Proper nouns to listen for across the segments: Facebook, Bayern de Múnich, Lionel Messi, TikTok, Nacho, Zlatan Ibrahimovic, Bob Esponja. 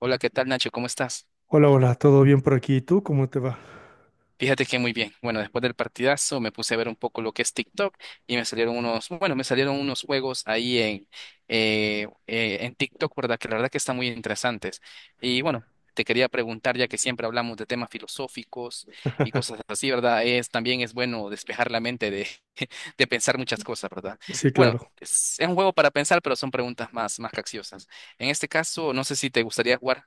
Hola, ¿qué tal, Nacho? ¿Cómo estás? Hola, hola, ¿todo bien por aquí? ¿Y tú cómo te va? Fíjate que muy bien. Bueno, después del partidazo me puse a ver un poco lo que es TikTok y me salieron unos, bueno, me salieron unos juegos ahí en TikTok, ¿verdad? Que la verdad que están muy interesantes. Y bueno, te quería preguntar, ya que siempre hablamos de temas filosóficos y cosas así, ¿verdad? Es, también es bueno despejar la mente de, de pensar muchas cosas, ¿verdad? Sí, Bueno, claro. Es un juego para pensar, pero son preguntas más, más capciosas. En este caso, no sé si te gustaría jugar.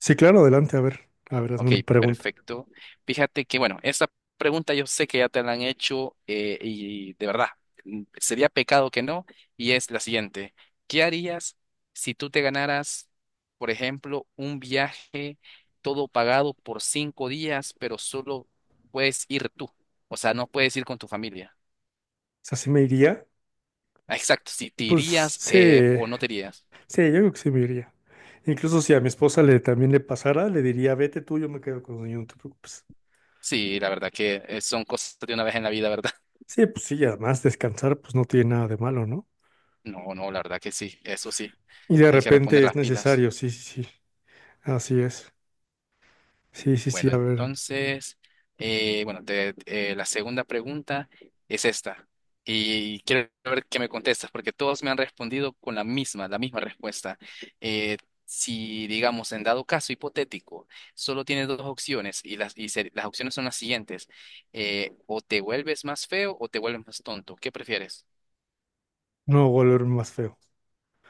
Sí, claro, adelante, a ver. A ver, hazme Ok, una pregunta. O perfecto. Fíjate que, bueno, esa pregunta yo sé que ya te la han hecho, y de verdad, sería pecado que no, y es la siguiente. ¿Qué harías si tú te ganaras, por ejemplo, un viaje todo pagado por 5 días, pero solo puedes ir tú? O sea, no puedes ir con tu familia. sea, ¿sí me iría? Ah, exacto, si te Pues irías sí, o no te irías. sí, yo creo que sí me iría. Incluso si a mi esposa le también le pasara, le diría, vete tú, yo me quedo con el niño, no te preocupes. Sí, la verdad que son cosas de una vez en la vida, ¿verdad? Sí, pues sí, y además descansar pues no tiene nada de malo, ¿no? No, no, la verdad que sí, eso sí, Y de hay que reponer repente es las pilas. necesario, sí, sí, sí. Así es. Sí, sí, sí, Bueno, a ver, entonces, la segunda pregunta es esta. Y quiero ver qué me contestas, porque todos me han respondido con la misma respuesta. Eh, si, digamos, en dado caso hipotético, solo tienes dos opciones y las opciones son las siguientes. O te vuelves más feo o te vuelves más tonto. ¿Qué prefieres? no volver más feo.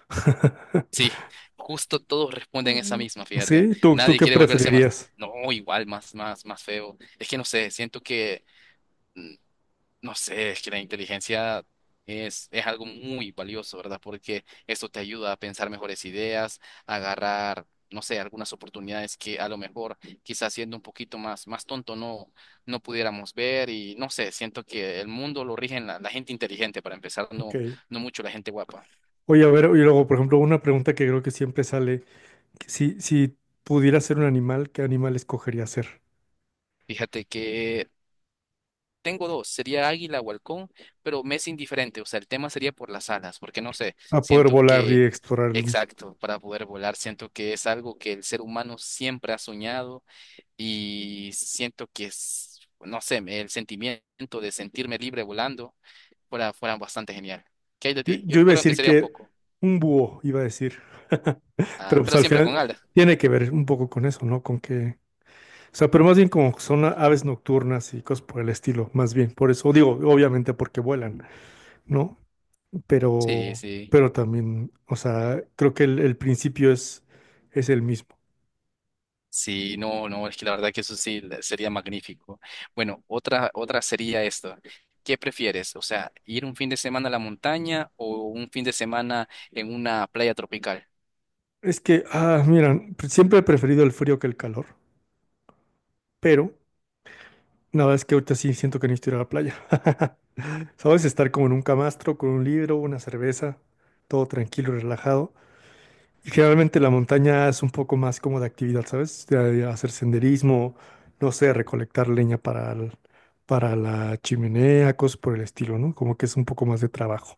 Sí, justo todos responden esa Mm, misma, fíjate. Sí, ¿tú Nadie qué quiere volverse más, preferirías? no, igual, más feo. Es que no sé, siento que mm, no sé, es que la inteligencia es algo muy valioso, ¿verdad? Porque esto te ayuda a pensar mejores ideas, a agarrar, no sé, algunas oportunidades que a lo mejor quizás siendo un poquito más tonto no, no pudiéramos ver. Y no sé, siento que el mundo lo rigen la gente inteligente para empezar, no, Ok. no mucho la gente guapa. Oye, a ver, y luego, por ejemplo, una pregunta que creo que siempre sale, que si pudiera ser un animal, ¿qué animal escogería ser? Fíjate que tengo dos, sería águila o halcón, pero me es indiferente. O sea, el tema sería por las alas, porque no sé, A poder siento volar y que, explorar el mundo. exacto, para poder volar, siento que es algo que el ser humano siempre ha soñado y siento que es, no sé, me- el sentimiento de sentirme libre volando fuera bastante genial. ¿Qué hay de Yo, ti? Yo yo iba a creo que decir sería un que poco, un búho, iba a decir, ah, pero pues pero al siempre con final alas. tiene que ver un poco con eso, ¿no? Con que, o sea, pero más bien como son aves nocturnas y cosas por el estilo, más bien, por eso digo, obviamente porque vuelan, ¿no? Sí, Pero, sí. pero también, o sea, creo que el principio es el mismo. Sí, no, no, es que la verdad que eso sí le- sería magnífico. Bueno, otra sería esto. ¿Qué prefieres? O sea, ir un fin de semana a la montaña o un fin de semana en una playa tropical. Es que, ah, mira, siempre he preferido el frío que el calor, pero nada, es que ahorita sí siento que necesito ir a la playa. ¿Sabes? Estar como en un camastro, con un libro, una cerveza, todo tranquilo, y relajado. Y generalmente la montaña es un poco más como de actividad, ¿sabes? De hacer senderismo, no sé, recolectar leña para la chimenea, cosas por el estilo, ¿no? Como que es un poco más de trabajo.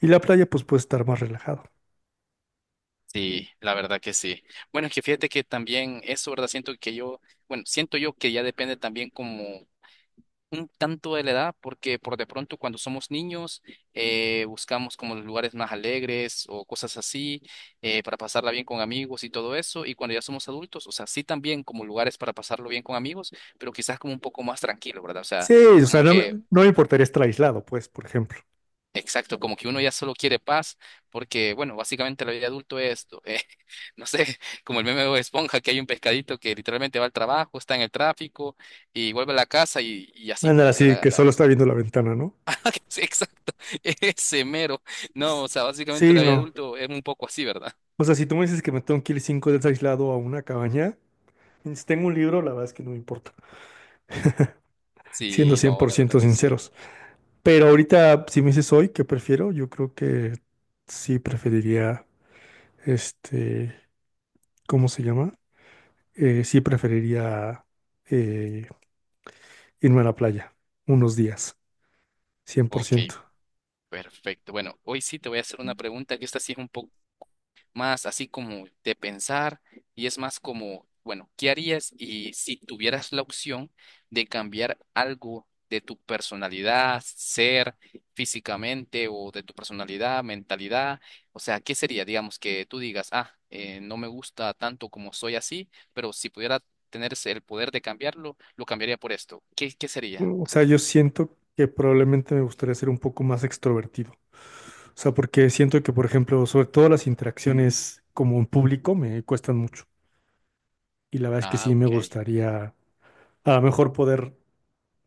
Y la playa, pues, puede estar más relajado. Sí, la verdad que sí. Bueno, es que fíjate que también eso, ¿verdad? Siento que yo, bueno, siento yo que ya depende también como un tanto de la edad, porque por de pronto cuando somos niños, buscamos como los lugares más alegres o cosas así, para pasarla bien con amigos y todo eso, y cuando ya somos adultos, o sea, sí también como lugares para pasarlo bien con amigos, pero quizás como un poco más tranquilo, ¿verdad? O Sí, sea, o como sea, no me, que, no me importaría estar aislado, pues, por ejemplo. exacto, como que uno ya solo quiere paz, porque bueno, básicamente la vida de adulto es esto, no sé, como el meme de Bob Esponja, que hay un pescadito que literalmente va al trabajo, está en el tráfico y vuelve a la casa y así, pues, Ándale, o sea, así que solo la- está viendo la ventana, ¿no? sí, exacto, ese mero. No, S- o sea, básicamente Sí, la vida no. adulto es un poco así, ¿verdad? O sea, si tú me dices que me tengo que ir 5 días aislado a una cabaña, y si tengo un libro, la verdad es que no me importa, siendo Sí, cien no, por la verdad ciento que sí. sinceros. Pero ahorita, si me dices hoy qué prefiero, yo creo que sí preferiría, este, ¿cómo se llama? Sí preferiría eh, irme a la playa unos días, cien por Ok, ciento. perfecto. Bueno, hoy sí te voy a hacer una pregunta que esta sí es un poco más así como de pensar y es más como, bueno, ¿qué harías y si tuvieras la opción de cambiar algo de tu personalidad, ser físicamente o de tu personalidad, mentalidad? O sea, ¿qué sería? Digamos que tú digas, ah, no me gusta tanto como soy así, pero si pudiera tener ese- el poder de cambiarlo, lo cambiaría por esto. ¿Qué, qué sería? O sea, yo siento que probablemente me gustaría ser un poco más extrovertido. O sea, porque siento que, por ejemplo, sobre todo las interacciones como en público me cuestan mucho. Y la verdad es que Ah, sí me ok. gustaría a lo mejor poder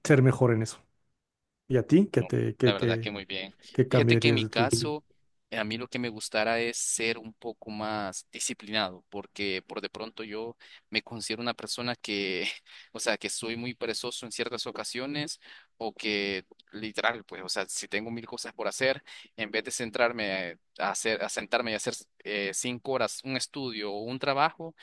ser mejor en eso. ¿Y a ti? ¿Qué No, te, la qué, verdad qué, que muy bien. qué Fíjate que en cambiarías mi de ti? caso, a mí lo que me gustara es ser un poco más disciplinado, porque por de pronto yo me considero una persona que, o sea, que soy muy perezoso en ciertas ocasiones o que literal, pues, o sea, si tengo mil cosas por hacer, en vez de centrarme a hacer, a sentarme y hacer 5 horas un estudio o un trabajo,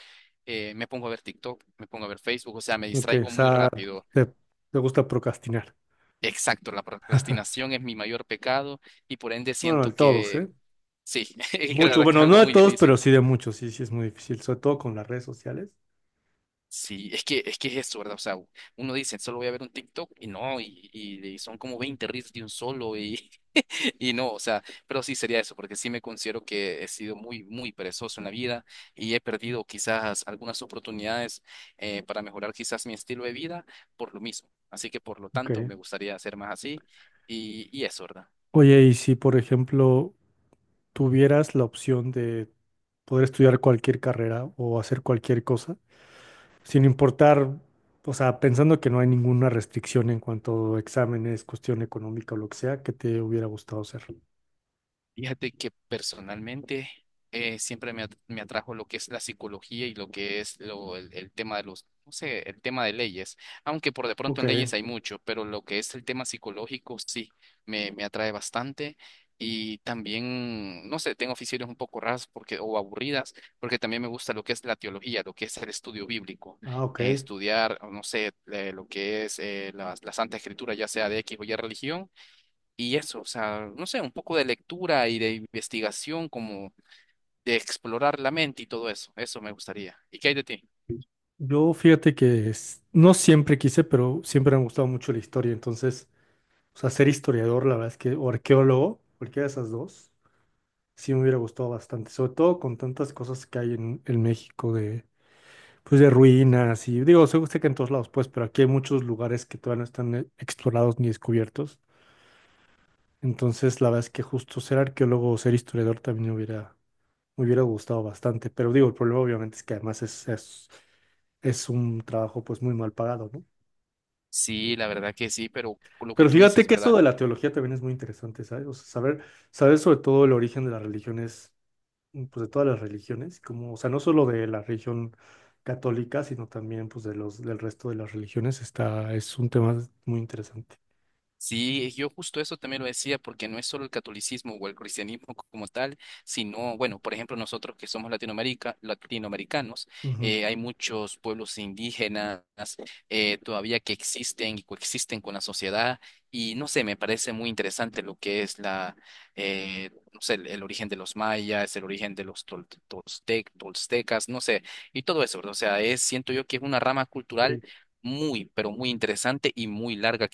me pongo a ver TikTok, me pongo a ver Facebook. O sea, me Ok, o distraigo muy sea, rápido. te, te gusta procrastinar. Exacto, la procrastinación es mi mayor pecado y por ende Bueno, de siento todos, que ¿eh? sí, que la Muchos, verdad que es bueno, no algo de muy todos, pero difícil. sí de muchos. Sí, sí es muy difícil, sobre todo con las redes sociales. Sí, es que es eso, ¿verdad? O sea, uno dice, solo voy a ver un TikTok y no, y son como 20 reels de un solo y, y no, o sea, pero sí sería eso, porque sí me considero que he sido muy, muy perezoso en la vida y he perdido quizás algunas oportunidades, para mejorar quizás mi estilo de vida por lo mismo. Así que por lo tanto Ok. me gustaría ser más así y eso, ¿verdad? Oye, y si, por ejemplo, tuvieras la opción de poder estudiar cualquier carrera o hacer cualquier cosa, sin importar, o sea, pensando que no hay ninguna restricción en cuanto a exámenes, cuestión económica o lo que sea, que te hubiera gustado hacer? Fíjate que personalmente, me atrajo lo que es la psicología y lo que es el tema de los, no sé, el tema de leyes, aunque por de pronto Ok, en leyes hay mucho, pero lo que es el tema psicológico sí, me atrae bastante. Y también, no sé, tengo aficiones un poco raras porque, o aburridas, porque también me gusta lo que es la teología, lo que es el estudio bíblico, ah, ok. Estudiar, no sé, lo que es la Santa Escritura, ya sea de X o Y religión. Y eso, o sea, no sé, un poco de lectura y de investigación, como de explorar la mente y todo eso. Eso me gustaría. ¿Y qué hay de ti? Yo fíjate que no siempre quise, pero siempre me ha gustado mucho la historia. Entonces, o sea, ser historiador, la verdad es que, o arqueólogo, cualquiera de esas dos, sí me hubiera gustado bastante. Sobre todo con tantas cosas que hay en México de, pues, de ruinas y, digo, sé que en todos lados, pues, pero aquí hay muchos lugares que todavía no están explorados ni descubiertos. Entonces, la verdad es que justo ser arqueólogo o ser historiador también me hubiera gustado bastante. Pero digo, el problema obviamente es que además es un trabajo pues muy mal pagado, ¿no? Sí, la verdad que sí, pero lo que Pero tú fíjate dices, que eso ¿verdad? de la teología también es muy interesante, ¿sabes? O sea, saber sobre todo el origen de las religiones, pues de todas las religiones, como, o sea, no solo de la religión católica, sino también pues del resto de las religiones, es un tema muy interesante. Sí, yo justo eso también lo decía, porque no es solo el catolicismo o el cristianismo como tal, sino, bueno, por ejemplo, nosotros que somos Latinoamérica, latinoamericanos, Ujú. Hay muchos pueblos indígenas, todavía que existen y coexisten con la sociedad, y no sé, me parece muy interesante lo que es no sé, el origen de los mayas, el origen de los toltecas, no sé, y todo eso, ¿verdad? O sea, es, siento yo que es una rama cultural. Sí. Muy, pero muy interesante y muy larga.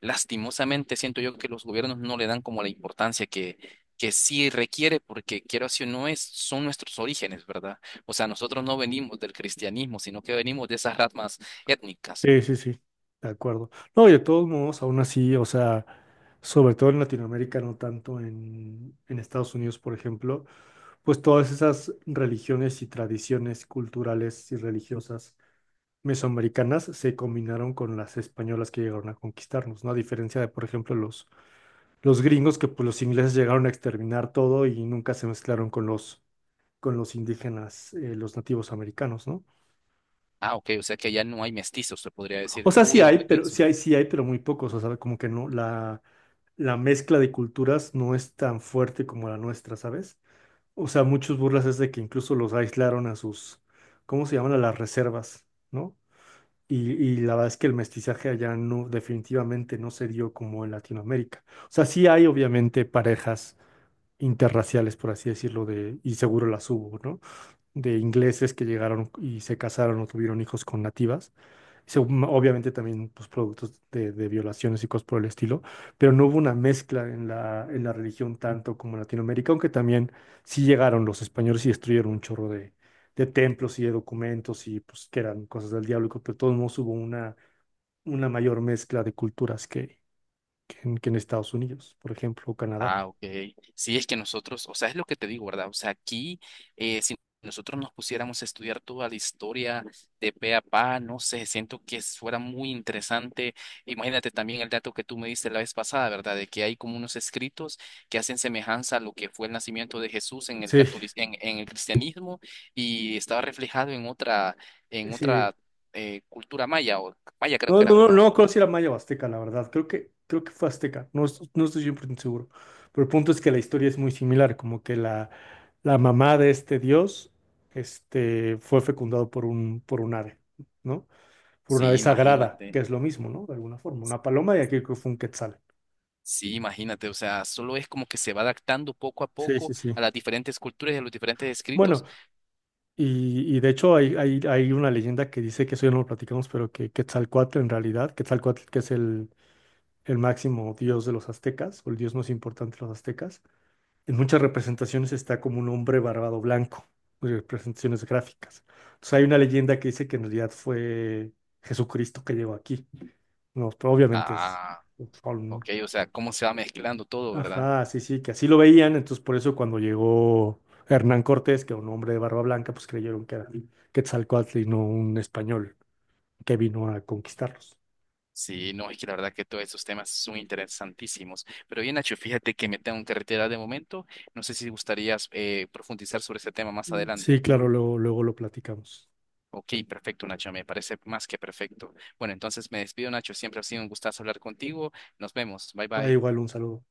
Lastimosamente siento yo que los gobiernos no le dan como la importancia que sí requiere, porque quiero así o no es, son nuestros orígenes, ¿verdad? O sea, nosotros no venimos del cristianismo, sino que venimos de esas ramas étnicas. Sí, sí, sí, de acuerdo. No, y de todos modos, aún así, o sea, sobre todo en Latinoamérica, no tanto en Estados Unidos, por ejemplo, pues todas esas religiones y tradiciones culturales y religiosas mesoamericanas se combinaron con las españolas que llegaron a conquistarnos, ¿no? A diferencia de, por ejemplo, los gringos, que pues los ingleses llegaron a exterminar todo y nunca se mezclaron con los indígenas, los nativos americanos, ¿no? Ah, ok, o sea que ya no hay mestizos, se podría decir, O sea, no hubieron mestizos. Sí hay, pero muy pocos. O sea, como que no, la mezcla de culturas no es tan fuerte como la nuestra, ¿sabes? O sea, muchos burlas es de que incluso los aislaron a sus, ¿cómo se llaman? A las reservas, ¿no? Y la verdad es que el mestizaje allá no, definitivamente no se dio como en Latinoamérica. O sea, sí hay obviamente parejas interraciales, por así decirlo, de, y seguro las hubo, ¿no? De ingleses que llegaron y se casaron o tuvieron hijos con nativas obviamente también pues, productos de violaciones y cosas por el estilo, pero no hubo una mezcla en la religión tanto como en Latinoamérica, aunque también sí llegaron los españoles y destruyeron un chorro de templos y de documentos y pues que eran cosas del diablo, y pero de todos modos hubo una mayor mezcla de culturas que en Estados Unidos, por ejemplo, o Canadá. Ah, ok. Sí, es que nosotros, o sea, es lo que te digo, ¿verdad? O sea, aquí, si nosotros nos pusiéramos a estudiar toda la historia de pe a pa, no sé, siento que fuera muy interesante. Imagínate también el dato que tú me diste la vez pasada, ¿verdad? De que hay como unos escritos que hacen semejanza a lo que fue el nacimiento de Jesús en el Sí, en el cristianismo y estaba reflejado en en sí, otra, cultura maya, o maya creo no, que era, no, no, ¿verdad? no creo si era maya o azteca, la verdad. Creo que fue azteca. No, no estoy 100% seguro. Pero el punto es que la historia es muy similar. Como que la mamá de este dios, fue fecundado por un ave, ¿no? Por una Sí, ave sagrada, que imagínate. es lo mismo, ¿no? De alguna forma. Una paloma y aquí creo que fue un quetzal. Sí, imagínate, o sea, solo es como que se va adaptando poco a Sí, poco sí, sí. a las diferentes culturas y a los diferentes Bueno, escritos. y de hecho hay una leyenda que dice que eso ya no lo platicamos, pero que Quetzalcóatl en realidad, Quetzalcóatl que es el máximo dios de los aztecas, o el dios más importante de los aztecas. En muchas representaciones está como un hombre barbado blanco, representaciones gráficas. Entonces hay una leyenda que dice que en realidad fue Jesucristo que llegó aquí. No, pero obviamente es, Ah, son- ok, o sea, cómo se va mezclando todo, ¿verdad? ajá, sí, sí, que así lo veían, entonces por eso cuando llegó Hernán Cortés, que era un hombre de barba blanca, pues creyeron que era Quetzalcóatl y no un español que vino a conquistarlos. Sí, no, es que la verdad que todos esos temas son interesantísimos. Pero bien, Nacho, fíjate que me tengo que retirar de momento. No sé si gustarías, profundizar sobre ese tema más Sí, adelante. claro, luego, luego lo platicamos. Ok, perfecto, Nacho, me parece más que perfecto. Bueno, entonces me despido, Nacho. Siempre ha sido un gustazo hablar contigo. Nos vemos. Bye, Va bye. igual un saludo.